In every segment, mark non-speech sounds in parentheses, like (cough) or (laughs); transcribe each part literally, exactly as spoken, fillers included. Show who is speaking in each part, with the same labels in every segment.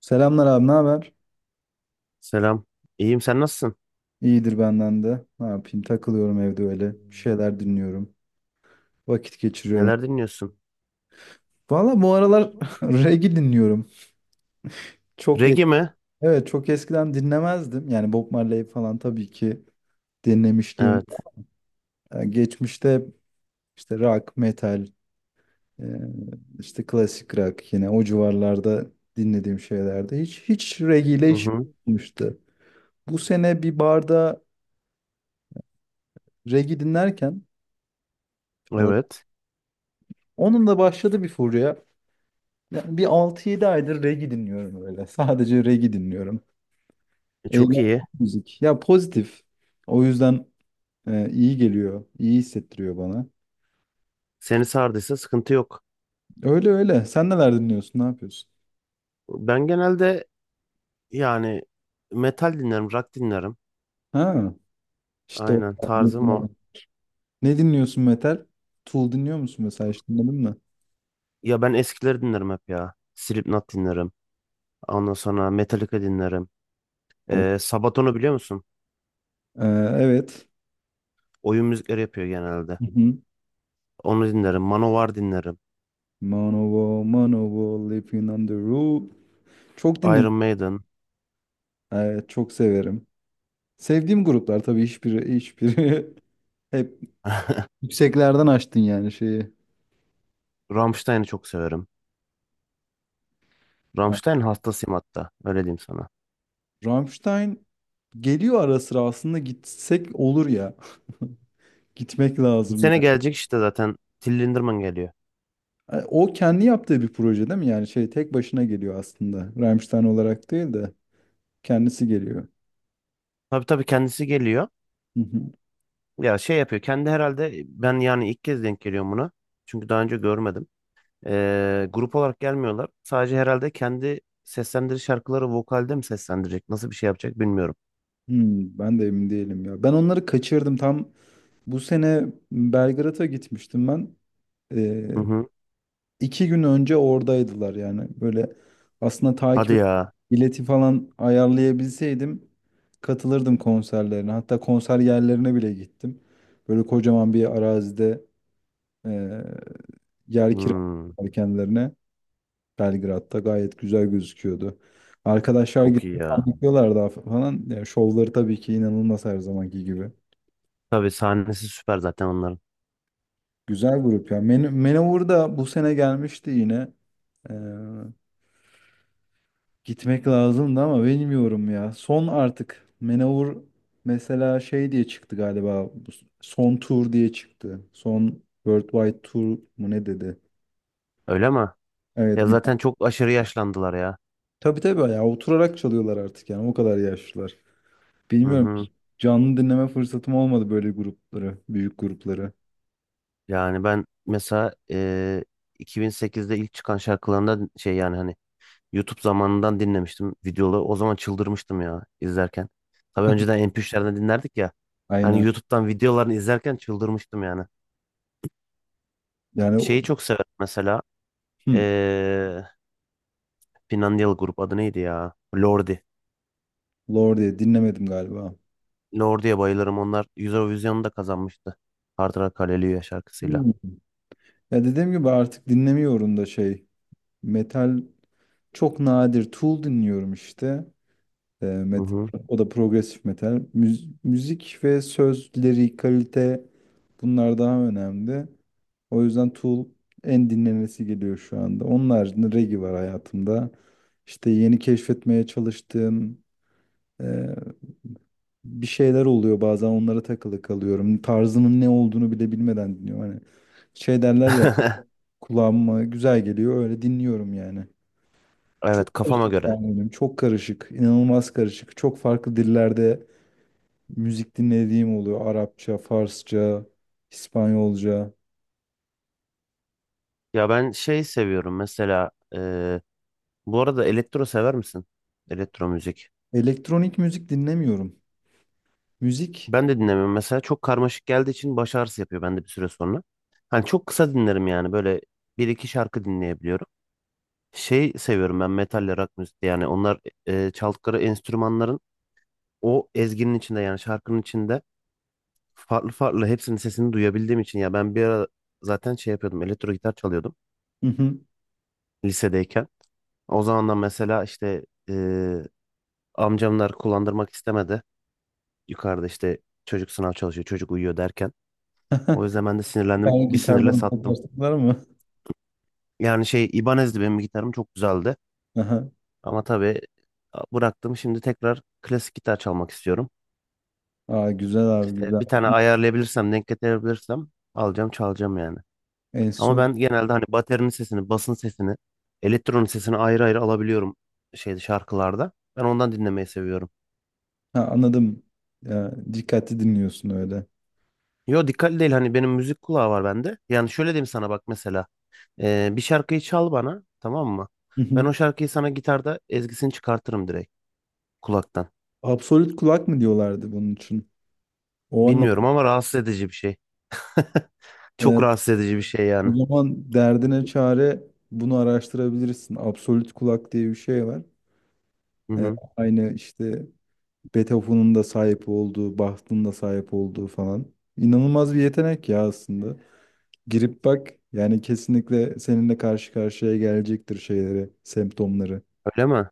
Speaker 1: Selamlar abi, ne haber?
Speaker 2: Selam. İyiyim. Sen nasılsın?
Speaker 1: İyidir benden de. Ne yapayım? Takılıyorum evde öyle. Bir şeyler dinliyorum. Vakit geçiriyorum.
Speaker 2: Neler dinliyorsun?
Speaker 1: Valla bu aralar (laughs) reggae dinliyorum. Çok et-
Speaker 2: Reggae mi?
Speaker 1: evet, çok eskiden dinlemezdim. Yani Bob Marley falan tabii ki dinlemişliğim
Speaker 2: Evet.
Speaker 1: var. Ee, Geçmişte hep işte rock, metal, e, işte klasik rock yine o civarlarda dinlediğim şeylerde hiç hiç reggae ile
Speaker 2: Hı
Speaker 1: işim
Speaker 2: hı.
Speaker 1: olmuştu. Bu sene bir barda reggae dinlerken or-
Speaker 2: Evet.
Speaker 1: onun da başladı bir furya. Ya bir altı yedi aydır reggae dinliyorum öyle. Sadece reggae dinliyorum.
Speaker 2: E, Çok
Speaker 1: Eğlenceli
Speaker 2: iyi.
Speaker 1: müzik. Ya pozitif. O yüzden e, iyi geliyor. İyi hissettiriyor bana.
Speaker 2: Seni sardıysa sıkıntı yok.
Speaker 1: Öyle öyle. Sen neler dinliyorsun? Ne yapıyorsun?
Speaker 2: Ben genelde yani metal dinlerim, rock dinlerim.
Speaker 1: Ha, işte o.
Speaker 2: Aynen, tarzım o.
Speaker 1: Ne dinliyorsun metal? Tool dinliyor musun mesela? Hiç dinledin mi?
Speaker 2: Ya ben eskileri dinlerim hep ya. Slipknot dinlerim. Ondan sonra Metallica dinlerim.
Speaker 1: O-
Speaker 2: E, Sabaton'u biliyor musun?
Speaker 1: Ee, evet.
Speaker 2: Oyun müzikleri yapıyor genelde.
Speaker 1: Hı hı.
Speaker 2: Onu dinlerim. Manowar dinlerim.
Speaker 1: Manowar, Manowar, Living on the Roof. Çok dinledim.
Speaker 2: Iron Maiden.
Speaker 1: Evet, çok severim. Sevdiğim gruplar tabii hiçbiri hiçbiri (laughs) hep
Speaker 2: (laughs)
Speaker 1: Yükseklerden açtın yani şeyi.
Speaker 2: Rammstein'i çok severim.
Speaker 1: Ha,
Speaker 2: Rammstein hastasıyım hatta. Öyle diyeyim sana.
Speaker 1: Rammstein geliyor ara sıra aslında gitsek olur ya. (laughs) Gitmek
Speaker 2: Bu
Speaker 1: lazım
Speaker 2: sene
Speaker 1: ya.
Speaker 2: gelecek işte zaten. Till Lindemann geliyor.
Speaker 1: Yani o kendi yaptığı bir proje değil mi? Yani şey tek başına geliyor aslında. Rammstein olarak değil de kendisi geliyor.
Speaker 2: Tabii tabii, kendisi geliyor.
Speaker 1: Hı hı.
Speaker 2: Ya şey yapıyor. Kendi herhalde, ben yani ilk kez denk geliyorum buna. Çünkü daha önce görmedim. Ee, grup olarak gelmiyorlar. Sadece herhalde kendi seslendirici şarkıları vokalde mi seslendirecek? Nasıl bir şey yapacak bilmiyorum.
Speaker 1: Hmm, ben de emin değilim ya. Ben onları kaçırdım. Tam bu sene Belgrad'a gitmiştim ben.
Speaker 2: Hı
Speaker 1: Ee,
Speaker 2: hı.
Speaker 1: İki gün önce oradaydılar yani. Böyle aslında takip
Speaker 2: Hadi
Speaker 1: et-
Speaker 2: ya.
Speaker 1: bileti falan ayarlayabilseydim katılırdım konserlerine. Hatta konser yerlerine bile gittim. Böyle kocaman bir arazide eee yer
Speaker 2: Hmm,
Speaker 1: kiraladılar kendilerine. Belgrad'da gayet güzel gözüküyordu. Arkadaşlar gidip
Speaker 2: çok iyi ya.
Speaker 1: anlatıyorlar daha falan. Yani şovları tabii ki inanılmaz her zamanki gibi.
Speaker 2: Tabii sahnesi süper zaten onların.
Speaker 1: Güzel grup ya. Men Manowar da bu sene gelmişti yine. Gitmek lazımdı ama bilmiyorum ya. Son artık. Manowar mesela şey diye çıktı galiba. Bu s- Son tur diye çıktı. Son Worldwide Tour mu ne dedi?
Speaker 2: Öyle mi?
Speaker 1: Evet
Speaker 2: Ya
Speaker 1: bir.
Speaker 2: zaten çok aşırı yaşlandılar ya.
Speaker 1: Tabii tabii ya oturarak çalıyorlar artık yani o kadar yaşlılar.
Speaker 2: Hı
Speaker 1: Bilmiyorum.
Speaker 2: hı.
Speaker 1: Canlı dinleme fırsatım olmadı böyle grupları, büyük grupları.
Speaker 2: Yani ben mesela e, iki bin sekizde ilk çıkan şarkılarında şey yani hani YouTube zamanından dinlemiştim videoları. O zaman çıldırmıştım ya izlerken. Tabii önceden M P üçlerden dinlerdik ya. Hani
Speaker 1: Aynen.
Speaker 2: YouTube'dan videolarını izlerken çıldırmıştım yani.
Speaker 1: Yani o-
Speaker 2: Şeyi çok severim mesela.
Speaker 1: hmm,
Speaker 2: Ee, Finlandiyalı grup adı neydi ya? Lordi.
Speaker 1: Lorde diye dinlemedim galiba.
Speaker 2: Lordi'ye bayılırım. Onlar Eurovision'u da kazanmıştı. Hard Rock Hallelujah şarkısıyla.
Speaker 1: Hmm. Ya dediğim gibi artık dinlemiyorum da şey. Metal çok nadir. Tool dinliyorum işte. E,
Speaker 2: Hı
Speaker 1: met-
Speaker 2: hı.
Speaker 1: O da progresif metal. Müz- müzik ve sözleri, kalite bunlar daha önemli. O yüzden Tool en dinlenesi geliyor şu anda. Onun haricinde reggae var hayatımda. İşte yeni keşfetmeye çalıştığım e, bir şeyler oluyor bazen onlara takılı kalıyorum. Tarzının ne olduğunu bile bilmeden dinliyorum. Hani şey derler ya
Speaker 2: (laughs)
Speaker 1: kulağıma güzel geliyor öyle dinliyorum yani. Çok
Speaker 2: Evet, kafama
Speaker 1: karışık
Speaker 2: göre.
Speaker 1: yani benim. Çok karışık. İnanılmaz karışık. Çok farklı dillerde müzik dinlediğim oluyor. Arapça, Farsça, İspanyolca.
Speaker 2: Ya ben şey seviyorum mesela. Ee, bu arada elektro sever misin? Elektro müzik.
Speaker 1: Elektronik müzik dinlemiyorum. Müzik.
Speaker 2: Ben de dinlemiyorum. Mesela çok karmaşık geldiği için baş ağrısı yapıyor bende bir süre sonra. Hani çok kısa dinlerim yani, böyle bir iki şarkı dinleyebiliyorum. Şey seviyorum ben metalle rock müziği, yani onlar e, çaldıkları enstrümanların o ezginin içinde, yani şarkının içinde farklı farklı hepsinin sesini duyabildiğim için, ya ben bir ara zaten şey yapıyordum, elektro gitar çalıyordum
Speaker 1: Hı hı.
Speaker 2: lisedeyken. O zamandan mesela işte e, amcamlar kullandırmak istemedi. Yukarıda işte çocuk sınav çalışıyor, çocuk uyuyor derken. O
Speaker 1: (laughs)
Speaker 2: yüzden ben de sinirlendim,
Speaker 1: Sen
Speaker 2: bir sinirle
Speaker 1: gitardan
Speaker 2: sattım.
Speaker 1: takarsınlar mı?
Speaker 2: Yani şey İbanez'di benim gitarım, çok güzeldi.
Speaker 1: (laughs) Aha.
Speaker 2: Ama tabii bıraktım. Şimdi tekrar klasik gitar çalmak istiyorum.
Speaker 1: Aa, güzel abi
Speaker 2: İşte
Speaker 1: güzel.
Speaker 2: bir tane ayarlayabilirsem, denk getirebilirsem alacağım, çalacağım yani.
Speaker 1: En
Speaker 2: Ama
Speaker 1: son
Speaker 2: ben genelde hani baterinin sesini, basın sesini, elektronun sesini ayrı ayrı alabiliyorum şeyde, şarkılarda. Ben ondan dinlemeyi seviyorum.
Speaker 1: Ha, anladım. Ya, dikkatli dinliyorsun öyle.
Speaker 2: Yo, dikkatli değil, hani benim müzik kulağı var bende. Yani şöyle diyeyim sana, bak mesela. Ee, bir şarkıyı çal bana, tamam mı?
Speaker 1: Hı
Speaker 2: Ben
Speaker 1: hı.
Speaker 2: o şarkıyı sana gitarda ezgisini çıkartırım direkt kulaktan.
Speaker 1: Absolut kulak mı diyorlardı bunun için? O anlam.
Speaker 2: Bilmiyorum ama rahatsız edici bir şey. Çok
Speaker 1: Evet,
Speaker 2: rahatsız edici bir şey
Speaker 1: o
Speaker 2: yani.
Speaker 1: zaman derdine çare bunu araştırabilirsin. Absolut kulak diye bir şey var.
Speaker 2: Hı
Speaker 1: Ee,
Speaker 2: hı.
Speaker 1: Aynı işte Beethoven'ın da sahip olduğu, Bach'ın da sahip olduğu falan. İnanılmaz bir yetenek ya aslında. Girip bak yani kesinlikle seninle karşı karşıya gelecektir şeyleri, semptomları.
Speaker 2: Öyle mi?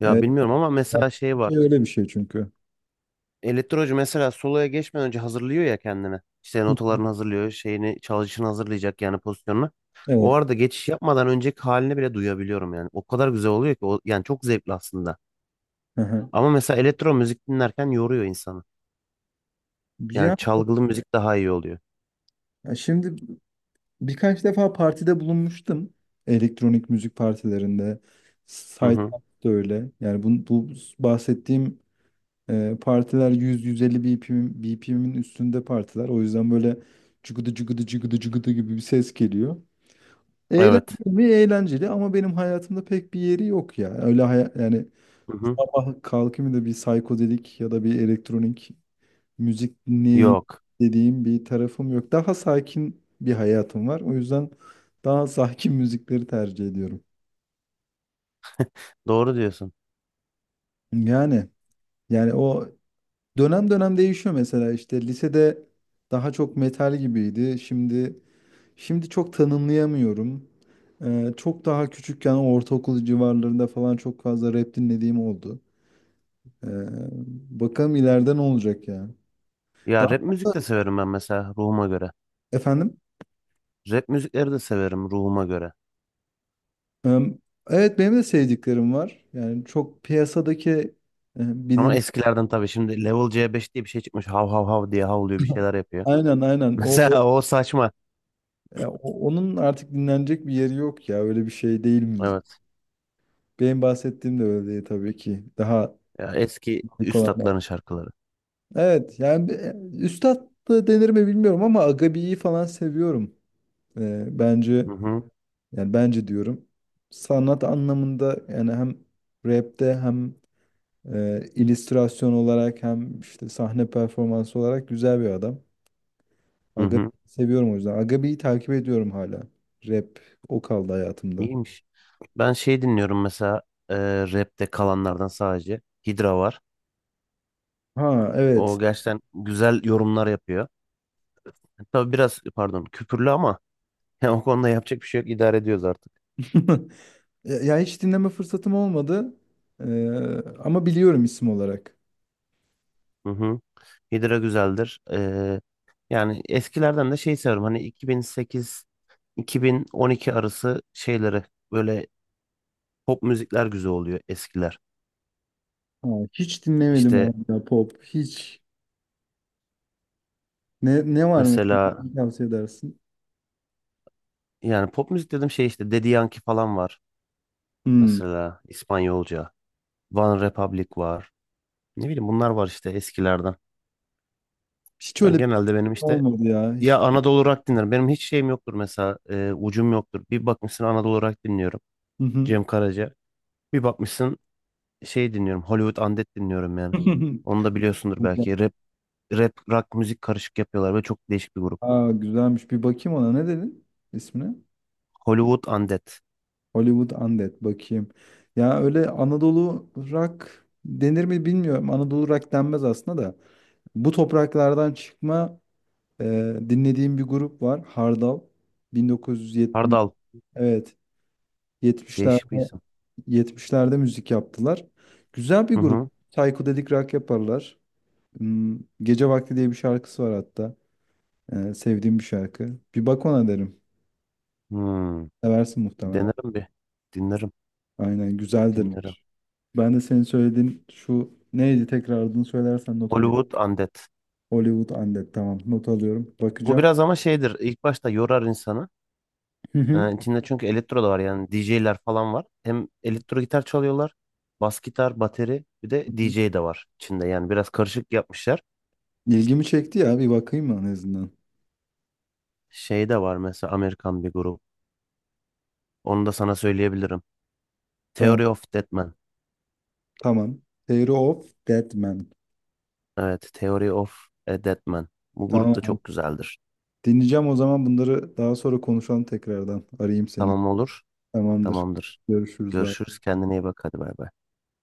Speaker 2: Ya
Speaker 1: Evet,
Speaker 2: bilmiyorum ama
Speaker 1: bak,
Speaker 2: mesela şey
Speaker 1: şey
Speaker 2: var.
Speaker 1: öyle bir şey çünkü.
Speaker 2: Elektrocu mesela soloya geçmeden önce hazırlıyor ya kendini. İşte
Speaker 1: Hı hı.
Speaker 2: notalarını hazırlıyor, şeyini, çalışını hazırlayacak yani, pozisyonunu. O
Speaker 1: Evet.
Speaker 2: arada geçiş yapmadan önceki halini bile duyabiliyorum yani. O kadar güzel oluyor ki o, yani çok zevkli aslında.
Speaker 1: Hı hı.
Speaker 2: Ama mesela elektro müzik dinlerken yoruyor insanı.
Speaker 1: Ya
Speaker 2: Yani çalgılı müzik daha iyi oluyor.
Speaker 1: şimdi birkaç defa partide bulunmuştum. Elektronik müzik partilerinde.
Speaker 2: Hı
Speaker 1: Site
Speaker 2: hı.
Speaker 1: da öyle. Yani bu, bu bahsettiğim Ee, partiler yüz yüz elli B P M, B P M'in üstünde partiler. O yüzden böyle cıgıdı cıgıdı cıgıdı cıgıdı gibi bir ses geliyor.
Speaker 2: Evet.
Speaker 1: Eğlenceli mi? Eğlenceli ama benim hayatımda pek bir yeri yok ya. Öyle haya- yani
Speaker 2: Hı hı.
Speaker 1: sabah kalkayım da bir psikodelik ya da bir elektronik müzik dinleyeyim
Speaker 2: Yok.
Speaker 1: dediğim bir tarafım yok. Daha sakin bir hayatım var. O yüzden daha (laughs) sakin müzikleri tercih ediyorum.
Speaker 2: Doğru diyorsun.
Speaker 1: Yani yani o Dönem dönem değişiyor mesela işte lisede daha çok metal gibiydi. Şimdi şimdi çok tanımlayamıyorum. Ee, çok daha küçükken ortaokul civarlarında falan çok fazla rap dinlediğim oldu. Ee, Bakalım ileride ne olacak ya.
Speaker 2: Ya
Speaker 1: Daha
Speaker 2: rap müzik de severim ben mesela ruhuma göre.
Speaker 1: efendim.
Speaker 2: Rap müzikleri de severim ruhuma göre.
Speaker 1: Ee, evet, benim de sevdiklerim var. Yani çok piyasadaki e,
Speaker 2: Ama
Speaker 1: bilin
Speaker 2: eskilerden tabii. Şimdi level C beş diye bir şey çıkmış. Hav hav hav diye havlıyor, bir şeyler yapıyor.
Speaker 1: aynen
Speaker 2: (laughs)
Speaker 1: aynen o o-
Speaker 2: Mesela o saçma.
Speaker 1: ya o- onun artık dinlenecek bir yeri yok ya öyle bir şey değil müzik.
Speaker 2: Evet.
Speaker 1: Benim bahsettiğim de öyle değil tabii ki. Daha
Speaker 2: Ya eski
Speaker 1: dik olanlar.
Speaker 2: üstatların şarkıları.
Speaker 1: Evet yani bir- üstad da denir mi bilmiyorum ama Agabi'yi falan seviyorum. Ee, bence,
Speaker 2: Hı hı.
Speaker 1: yani bence diyorum sanat anlamında yani hem rapte hem e, illüstrasyon olarak hem işte sahne performansı olarak güzel bir adam.
Speaker 2: Hı
Speaker 1: Agabi
Speaker 2: hı.
Speaker 1: seviyorum o yüzden. Agabi'yi takip ediyorum hala. Rap o kaldı hayatımda.
Speaker 2: İyiymiş. Ben şey dinliyorum mesela, e, rapte kalanlardan sadece. Hidra var.
Speaker 1: Ha evet.
Speaker 2: O gerçekten güzel yorumlar yapıyor. Tabii biraz pardon, küpürlü ama (laughs) yani o konuda yapacak bir şey yok. İdare ediyoruz artık.
Speaker 1: (laughs) Ya ya hiç dinleme fırsatım olmadı. Ee, Ama biliyorum isim olarak.
Speaker 2: Hı hı. Hydra güzeldir. Ee, yani eskilerden de şey seviyorum. Hani iki bin sekiz-iki bin on iki arası şeyleri, böyle pop müzikler güzel oluyor eskiler.
Speaker 1: Ha, hiç dinlemedim
Speaker 2: İşte
Speaker 1: abi ya pop. Hiç. Ne, ne var mesela?
Speaker 2: mesela,
Speaker 1: Hangi tavsiye edersin?
Speaker 2: yani pop müzik dedim, şey işte Daddy Yankee falan var.
Speaker 1: Hmm.
Speaker 2: Mesela İspanyolca. One Republic var. Ne bileyim, bunlar var işte eskilerden.
Speaker 1: Hiç öyle
Speaker 2: Ben
Speaker 1: bir şey
Speaker 2: genelde benim işte,
Speaker 1: olmadı ya.
Speaker 2: ya
Speaker 1: Hiç.
Speaker 2: Anadolu Rock dinlerim. Benim hiç şeyim yoktur mesela, e, ucum yoktur. Bir bakmışsın Anadolu Rock dinliyorum.
Speaker 1: Hı hı.
Speaker 2: Cem Karaca. Bir bakmışsın şey dinliyorum. Hollywood Undead dinliyorum yani.
Speaker 1: (laughs)
Speaker 2: Onu da biliyorsundur
Speaker 1: Güzel.
Speaker 2: belki. Rap, rap, rock müzik karışık yapıyorlar ve çok değişik bir grup.
Speaker 1: Aa, güzelmiş. Bir bakayım ona. Ne dedin ismine?
Speaker 2: Hollywood Undead.
Speaker 1: Hollywood Undead. Bakayım. Ya öyle Anadolu rock denir mi bilmiyorum. Anadolu rock denmez aslında da. Bu topraklardan çıkma e, dinlediğim bir grup var. Hardal. bin dokuz yüz yetmiş.
Speaker 2: Hardal.
Speaker 1: Evet.
Speaker 2: Değişik bir
Speaker 1: 70'lerde
Speaker 2: isim.
Speaker 1: Yetmişlerde müzik yaptılar. Güzel bir
Speaker 2: Hı
Speaker 1: grup.
Speaker 2: hı.
Speaker 1: Psychedelic rock yaparlar. Hmm, Gece Vakti diye bir şarkısı var hatta. Ee, sevdiğim bir şarkı. Bir bak ona derim.
Speaker 2: Hmm.
Speaker 1: Seversin muhtemelen.
Speaker 2: Denerim bir. Dinlerim.
Speaker 1: Aynen güzeldir.
Speaker 2: Dinlerim.
Speaker 1: Ben de senin söylediğin şu neydi tekrar adını söylersen not alayım.
Speaker 2: Hollywood Undead.
Speaker 1: Hollywood Undead tamam not alıyorum.
Speaker 2: Bu
Speaker 1: Bakacağım.
Speaker 2: biraz ama şeydir. İlk başta yorar insanı.
Speaker 1: Hı hı.
Speaker 2: Ee, içinde çünkü elektro da var, yani D J'ler falan var. Hem elektro gitar çalıyorlar. Bas gitar, bateri, bir de D J de var içinde. Yani biraz karışık yapmışlar.
Speaker 1: İlgimi çekti ya bir bakayım en azından.
Speaker 2: Şey de var mesela, Amerikan bir grup. Onu da sana söyleyebilirim.
Speaker 1: Tamam.
Speaker 2: Theory of Deadman.
Speaker 1: Tamam. Theory of Dead Man.
Speaker 2: Evet, Theory of a Deadman. Bu grup da
Speaker 1: Tamam.
Speaker 2: çok güzeldir.
Speaker 1: Dinleyeceğim o zaman bunları daha sonra konuşalım tekrardan. Arayayım seni.
Speaker 2: Tamam, olur.
Speaker 1: Tamamdır.
Speaker 2: Tamamdır.
Speaker 1: Görüşürüz. Bay
Speaker 2: Görüşürüz. Kendine iyi bak. Hadi, bay bay.